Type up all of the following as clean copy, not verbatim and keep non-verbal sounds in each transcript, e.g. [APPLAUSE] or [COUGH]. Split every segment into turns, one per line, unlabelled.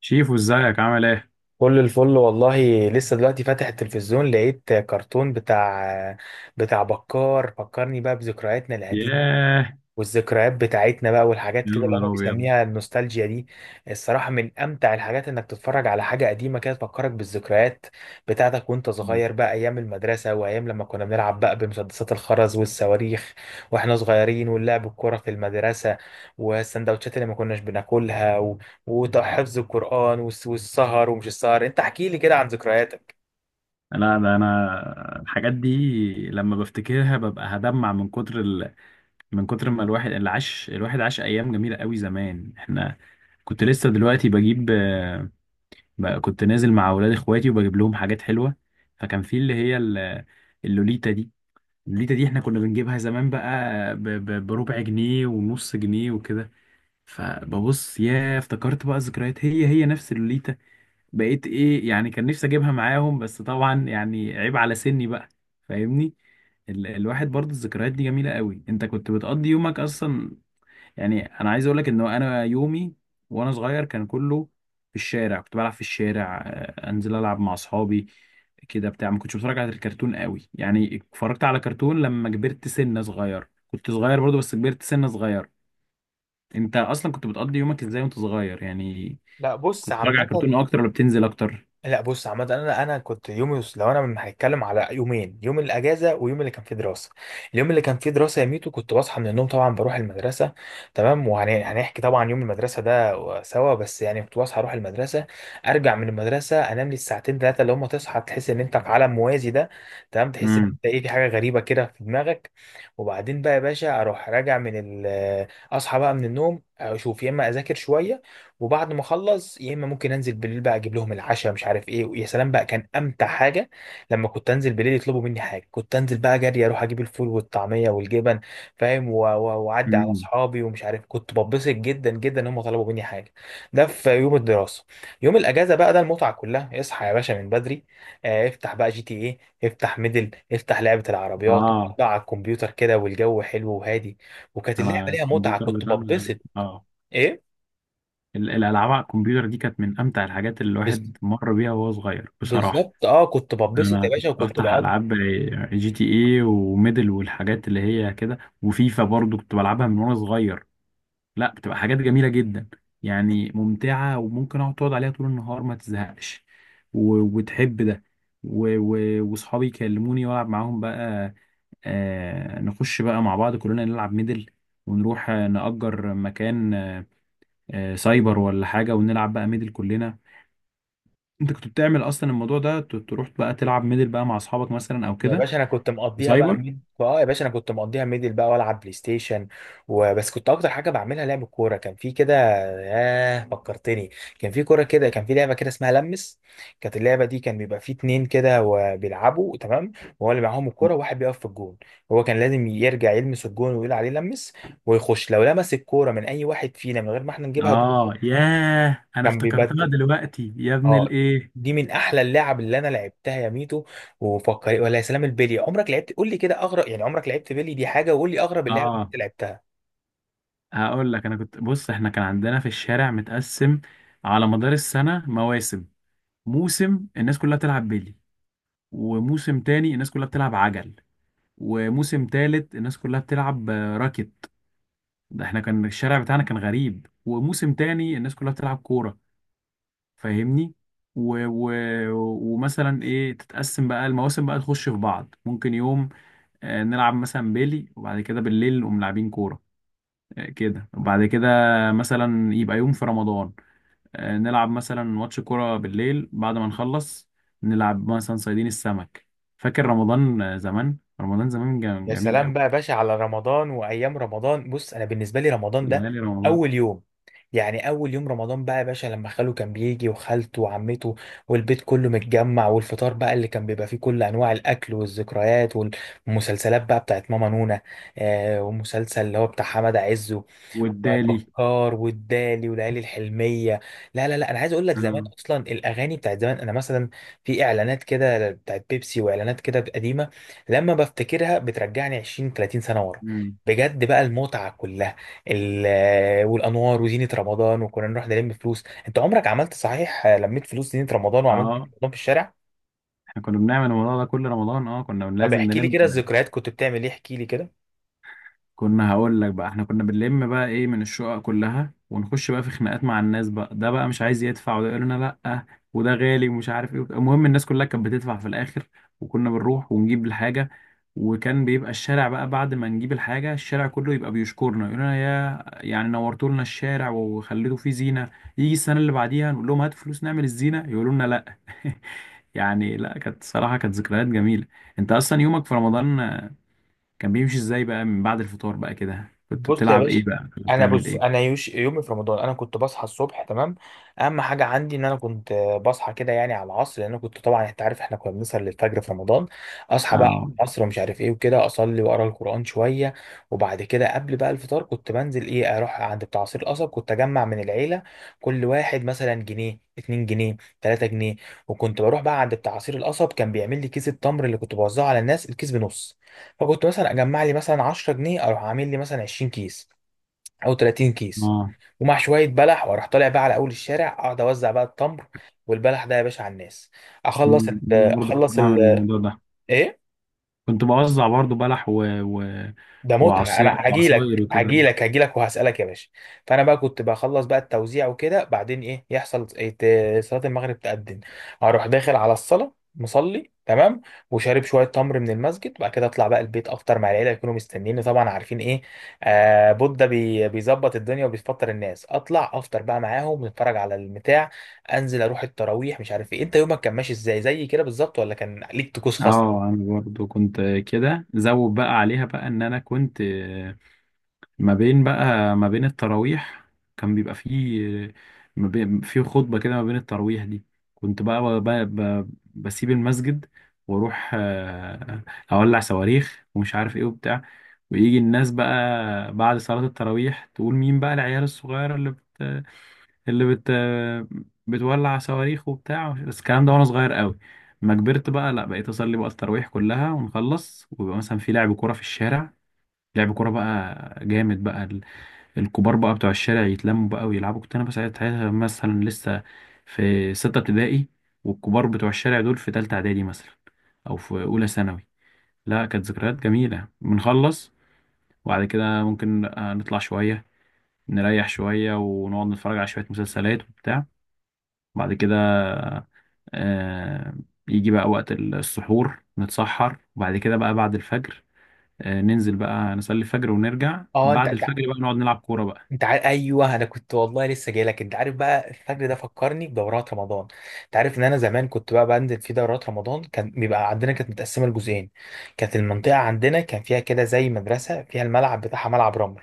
شيفو، ازيك؟ عامل ايه؟
كل الفل والله، لسه دلوقتي فاتح التلفزيون لقيت كرتون بتاع بكار، فكرني بقى بذكرياتنا القديمة
ياه.
والذكريات بتاعتنا بقى والحاجات
يا
كده اللي
نهار
هو
ابيض.
بيسميها النوستالجيا دي. الصراحة من أمتع الحاجات إنك تتفرج على حاجة قديمة كده تفكرك بالذكريات بتاعتك وأنت صغير بقى، أيام المدرسة وأيام لما كنا بنلعب بقى بمسدسات الخرز والصواريخ وإحنا صغيرين، واللعب الكورة في المدرسة، والسندوتشات اللي ما كناش بناكلها وحفظ القرآن والسهر ومش السهر. أنت احكي لي كده عن ذكرياتك.
لا ده انا الحاجات دي لما بفتكرها ببقى هدمع من كتر من كتر ما الواحد اللي عاش. الواحد عاش ايام جميله قوي زمان. احنا كنت لسه دلوقتي بجيب، بقى كنت نازل مع اولاد اخواتي وبجيب لهم حاجات حلوه. فكان في اللي اللوليتا دي. اللوليتا دي احنا كنا بنجيبها زمان بقى بربع جنيه ونص جنيه وكده. فببص، ياه، افتكرت بقى ذكريات. هي نفس اللوليتا. بقيت ايه يعني، كان نفسي اجيبها معاهم، بس طبعا يعني عيب على سني بقى. فاهمني. الواحد برضه الذكريات دي جميلة قوي. انت كنت بتقضي يومك اصلا؟ يعني انا عايز اقولك ان انا يومي وانا صغير كان كله في الشارع. كنت بلعب في الشارع، انزل العب مع اصحابي كده بتاع. ما كنتش بتفرج على الكرتون قوي، يعني اتفرجت على كرتون لما كبرت سنة صغير. كنت صغير برضه بس كبرت سنة صغير. انت اصلا كنت بتقضي يومك ازاي وانت صغير يعني؟
لا بص
كنت بتتفرج على
عامة.
كرتون اكتر ولا بتنزل اكتر؟
لا بص عامة انا انا كنت يومي، لو انا من هنتكلم على يومين، يوم الاجازة ويوم اللي كان فيه دراسة. اليوم اللي كان فيه دراسة يا ميتو كنت بصحى من النوم، طبعا بروح المدرسة، تمام. وهنحكي طبعا يوم المدرسة ده سوا، بس يعني كنت بصحى اروح المدرسة، ارجع من المدرسة انام لي الساعتين ثلاثة اللي هم تصحى تحس ان انت في عالم موازي ده، تمام. تحس ان
امم.
انت ايه، في حاجة غريبة كده في دماغك. وبعدين بقى يا باشا اروح راجع من اصحى بقى من النوم، اشوف يا اما اذاكر شوية، وبعد ما اخلص يا اما ممكن انزل بالليل بقى اجيب لهم العشاء، مش عارف ايه. ويا سلام بقى، كان امتع حاجه لما كنت انزل بالليل يطلبوا مني حاجه، كنت انزل بقى جري اروح اجيب الفول والطعميه والجبن، فاهم، واعدي على
امم.
اصحابي، ومش عارف كنت ببسط جدا جدا ان هم طلبوا مني حاجه. ده في يوم الدراسه. يوم الاجازه بقى ده المتعه كلها. اصحى يا باشا من بدري، افتح بقى جي تي ايه، افتح ميدل، افتح لعبه العربيات،
اه،
اقعد على الكمبيوتر كده، والجو حلو وهادي. وكانت
انا
اللعبه ليها متعه،
الكمبيوتر
كنت
بتاعنا
ببسط.
اه.
ايه
الالعاب على الكمبيوتر دي كانت من امتع الحاجات اللي الواحد مر بيها وهو صغير بصراحه.
بالظبط، كنت ببسط
انا
يا
كنت
باشا وكنت
بفتح
بقضي.
العاب جي تي اي وميدل والحاجات اللي هي كده، وفيفا برضو كنت بلعبها من وانا صغير. لا، بتبقى حاجات جميله جدا، يعني ممتعه. وممكن اقعد تقعد عليها طول النهار ما تزهقش، وتحب ده. واصحابي يكلموني والعب معاهم بقى. نخش بقى مع بعض كلنا نلعب ميدل، ونروح نأجر مكان، سايبر ولا حاجة، ونلعب بقى ميدل كلنا. انت كنت بتعمل اصلا الموضوع ده؟ تروح بقى تلعب ميدل بقى مع اصحابك مثلا او
يا
كده
باشا انا كنت
في
مقضيها بقى
سايبر؟
ميد اه يا باشا انا كنت مقضيها ميدل بقى والعب بلاي ستيشن وبس. كنت اكتر حاجه بعملها لعب الكوره. كان في كده، ياه فكرتني. كان في كوره كده، كان في لعبه كده اسمها لمس. كانت اللعبه دي كان بيبقى في اتنين كده وبيلعبوا، تمام. وهو اللي معاهم الكوره وواحد بيقف في الجون. هو كان لازم يرجع يلمس الجون ويقول عليه لمس، ويخش لو لمس الكوره من اي واحد فينا من غير ما احنا نجيبها جون
اه، ياه، انا
كان
افتكرتها
بيبدل.
دلوقتي يا ابن
اه
الايه.
دي من احلى اللعب اللي انا لعبتها يا ميتو. وفكر، ولا يا سلام البلي. عمرك لعبت؟ قول لي كده اغرب، يعني عمرك لعبت بلي؟ دي حاجه. وقول لي اغرب اللعب اللي
اه،
انت لعبتها.
هقول لك. انا كنت بص، احنا كان عندنا في الشارع متقسم على مدار السنة مواسم. موسم الناس كلها بتلعب بيلي، وموسم تاني الناس كلها بتلعب عجل، وموسم تالت الناس كلها بتلعب راكت. ده احنا كان الشارع بتاعنا كان غريب. وموسم تاني الناس كلها بتلعب كورة، فاهمني؟ و... و... ومثلا ايه، تتقسم بقى المواسم بقى، تخش في بعض. ممكن يوم نلعب مثلا بيلي، وبعد كده بالليل نقوم لاعبين كورة، كده. وبعد كده مثلا يبقى يوم في رمضان، نلعب مثلا ماتش كورة بالليل، بعد ما نخلص نلعب مثلا صيادين السمك. فاكر رمضان، زمان؟ رمضان زمان كان
يا
جميل
سلام
قوي.
بقى يا باشا على رمضان وايام رمضان. بص، انا بالنسبه لي رمضان ده
ليالي رمضان
اول يوم، يعني اول يوم رمضان بقى يا باشا لما خاله كان بيجي وخالته وعمته والبيت كله متجمع، والفطار بقى اللي كان بيبقى فيه كل انواع الاكل والذكريات، والمسلسلات بقى بتاعت ماما نونا، ومسلسل اللي هو بتاع حمد عز،
والدالي.
وبكار، والدالي، والليالي الحلميه. لا لا لا، انا عايز اقول لك زمان
اه.
اصلا الاغاني بتاعت زمان، انا مثلا في اعلانات كده بتاعت بيبسي، واعلانات كده قديمه، لما بفتكرها بترجعني 20 30 سنه ورا،
مم.
بجد بقى المتعه كلها. والانوار وزينه رمضان، وكنا نروح نلم فلوس. انت عمرك عملت صحيح لميت فلوس زينه رمضان وعملت زينه
اه،
رمضان في الشارع؟
احنا كنا بنعمل الموضوع ده كل رمضان. اه كنا
طب
لازم
احكي لي
نلم.
كده الذكريات، كنت بتعمل ايه؟ احكي لي كده.
كنا، هقول لك بقى، احنا كنا بنلم بقى ايه من الشقق كلها، ونخش بقى في خناقات مع الناس. بقى ده بقى مش عايز يدفع، وده يقول لنا لا، وده غالي ومش عارف ايه. المهم الناس كلها كانت بتدفع في الاخر، وكنا بنروح ونجيب الحاجة. وكان بيبقى الشارع بقى بعد ما نجيب الحاجة الشارع كله يبقى بيشكرنا، يقول لنا يا، يعني نورتوا لنا الشارع وخليتوا فيه زينة. يجي السنة اللي بعديها نقول لهم هاتوا فلوس نعمل الزينة، يقولوا لنا لا. [LAUGHS] يعني لا، كانت صراحة كانت ذكريات جميلة. انت اصلا يومك في رمضان كان بيمشي ازاي بقى؟ من بعد الفطار بقى كده كنت
بص يا
بتلعب
باشا.
ايه بقى؟ كنت
انا
بتعمل
بص انا
ايه؟
يوش يومي في رمضان، انا كنت بصحى الصبح، تمام. اهم حاجه عندي ان انا كنت بصحى كده يعني على العصر، لان أنا كنت طبعا انت عارف احنا كنا بنسهر للفجر في رمضان. اصحى بقى
اه.
العصر ومش عارف ايه وكده، اصلي واقرا القران شويه. وبعد كده قبل بقى الفطار كنت بنزل ايه، اروح عند بتاع عصير القصب. كنت اجمع من العيله، كل واحد مثلا جنيه، 2 جنيه، 3 جنيه. وكنت بروح بقى عند بتاع عصير القصب، كان بيعمل لي كيس التمر اللي كنت بوزعه على الناس، الكيس بنص. فكنت مثلا اجمع لي مثلا 10 جنيه، اروح عامل لي مثلا 20 كيس او 30 كيس،
اه.
ومع شويه بلح، واروح طالع بقى على اول الشارع اقعد اوزع بقى التمر والبلح ده يا باشا على الناس. اخلص ال
أمم، برضه كنت
اخلص
بعمل
ال
الموضوع ده.
ايه
كنت بوزع برضه بلح
ده، متعة. انا
وعصير وعصاير
هجيلك
وكده.
هجيلك هجيلك وهسألك يا باشا. فانا بقى كنت بخلص بقى التوزيع وكده، بعدين ايه يحصل، صلاة المغرب تأذن. اروح داخل على الصلاة مصلي، تمام، وشارب شوية تمر من المسجد، وبعد كده اطلع بقى البيت افطر مع العيلة، يكونوا مستنيني طبعا، عارفين ايه، بودة بي بيظبط الدنيا وبيفطر الناس. اطلع افطر بقى معاهم، نتفرج على البتاع، انزل اروح التراويح مش عارف ايه. انت يومك كان ماشي ازاي؟ زي كده بالظبط ولا كان ليك طقوس
اه،
خاصة؟
انا برضه كنت كده، زود بقى عليها بقى ان انا كنت ما بين بقى ما بين التراويح كان بيبقى فيه، ما بين في خطبة كده ما بين التراويح دي، كنت بقى بسيب المسجد واروح اولع صواريخ ومش عارف ايه وبتاع. ويجي الناس بقى بعد صلاة التراويح تقول مين بقى العيال الصغيرة اللي بت بتولع صواريخ وبتاع. بس الكلام ده وانا صغير قوي. ما كبرت بقى لا بقيت اصلي بقى التراويح كلها، ونخلص ويبقى مثلا في لعب كورة في الشارع. لعب كورة بقى جامد بقى. الكبار بقى بتوع الشارع يتلموا بقى ويلعبوا. كنت انا بس ساعتها مثلا لسه في ستة ابتدائي، والكبار بتوع الشارع دول في تالتة اعدادي مثلا، او في اولى ثانوي. لا كانت ذكريات جميلة. بنخلص وبعد كده ممكن نطلع شوية، نريح شوية، ونقعد نتفرج على شوية مسلسلات وبتاع. بعد كده آه، يجي بقى وقت السحور، نتسحر. وبعد كده بقى بعد الفجر ننزل بقى نصلي الفجر، ونرجع
اه انت
بعد
انت
الفجر بقى نقعد نلعب كورة بقى.
انت عارف، ايوه انا كنت والله لسه جاي لك. انت عارف بقى الفجر ده فكرني بدورات رمضان. انت عارف ان انا زمان كنت بقى بنزل في دورات رمضان. كان بيبقى عندنا كانت متقسمه لجزئين. كانت المنطقه عندنا كان فيها كده زي مدرسه فيها الملعب بتاعها، ملعب رمل.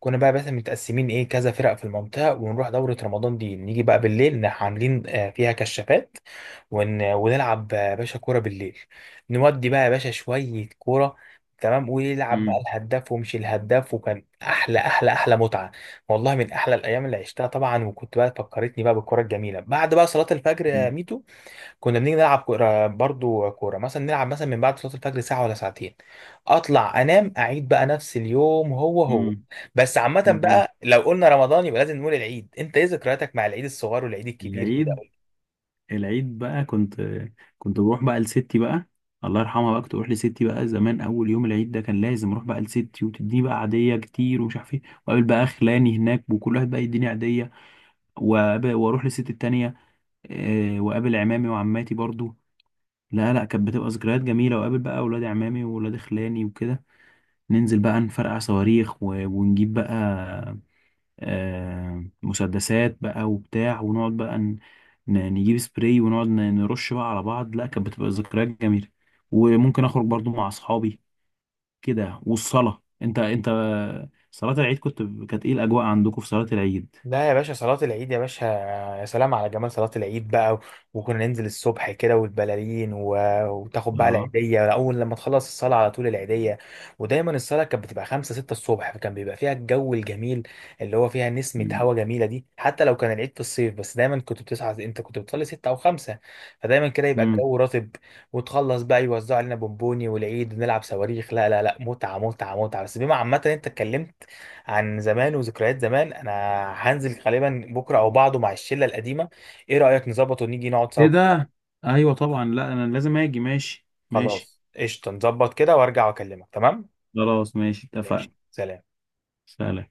كنا بقى بس متقسمين ايه، كذا فرق في المنطقه، ونروح دوره رمضان دي، نيجي بقى بالليل عاملين فيها كشافات، ونلعب يا باشا كورة بالليل. نودي بقى يا باشا شوية كورة، تمام. ويلعب بقى
امم.
الهداف ومش الهداف، وكان أحلى أحلى أحلى متعة. والله من أحلى الأيام اللي عشتها طبعا. وكنت بقى فكرتني بقى بالكورة الجميلة بعد بقى صلاة الفجر يا ميتو، كنا بنيجي نلعب كورة برضو، كورة مثلا نلعب مثلا من بعد صلاة الفجر ساعة ولا ساعتين. أطلع أنام، أعيد بقى نفس اليوم هو هو.
امم.
بس عامة بقى لو قلنا رمضان يبقى لازم نقول العيد. أنت إيه ذكرياتك مع العيد الصغير والعيد الكبير كده؟
العيد؟ العيد بقى كنت، كنت بروح بقى لستي بقى، الله يرحمها. بقى كنت بروح لستي بقى زمان. اول يوم العيد ده كان لازم اروح بقى لستي وتديني بقى عاديه كتير ومش عارف ايه، واقابل بقى خلاني هناك وكل واحد بقى يديني عاديه. واروح لستي التانيه، واقابل عمامي وعماتي برضو. لا لا، كانت بتبقى ذكريات جميله. واقابل بقى اولاد عمامي واولاد خلاني وكده. ننزل بقى نفرقع صواريخ، ونجيب بقى مسدسات بقى وبتاع. ونقعد بقى نجيب سبراي، ونقعد نرش بقى على بعض. لا كانت بتبقى ذكريات جميلة. وممكن اخرج برضو مع اصحابي كده. والصلاة، انت صلاة العيد كنت، كانت ايه الاجواء عندكم في صلاة العيد؟
لا يا باشا صلاة العيد يا باشا، يا سلام على جمال صلاة العيد بقى. وكنا ننزل الصبح كده، والبلالين، وتاخد بقى
اه.
العيدية، أول لما تخلص الصلاة على طول العيدية. ودايما الصلاة كانت بتبقى خمسة ستة الصبح، فكان بيبقى فيها الجو الجميل اللي هو فيها نسمة
مم.
هوا جميلة دي، حتى لو كان العيد في الصيف، بس دايما كنت بتصحى، أنت كنت بتصلي ستة أو خمسة. فدايما كده يبقى
مم.
الجو رطب. وتخلص بقى يوزعوا علينا بونبوني والعيد، ونلعب صواريخ. لا لا لا، متعة متعة متعة. بس بما عامة أنت اتكلمت عن زمان وذكريات زمان، انا هنزل غالبا بكره او بعده مع الشله القديمه. ايه رايك نظبط ونيجي نقعد سوا؟
ايه ده؟ ايوه طبعا، لا انا لازم اجي. ماشي ماشي.
خلاص قشطه، نظبط كده وارجع واكلمك، تمام.
خلاص ماشي،
ماشي،
اتفقنا.
سلام.
سلام.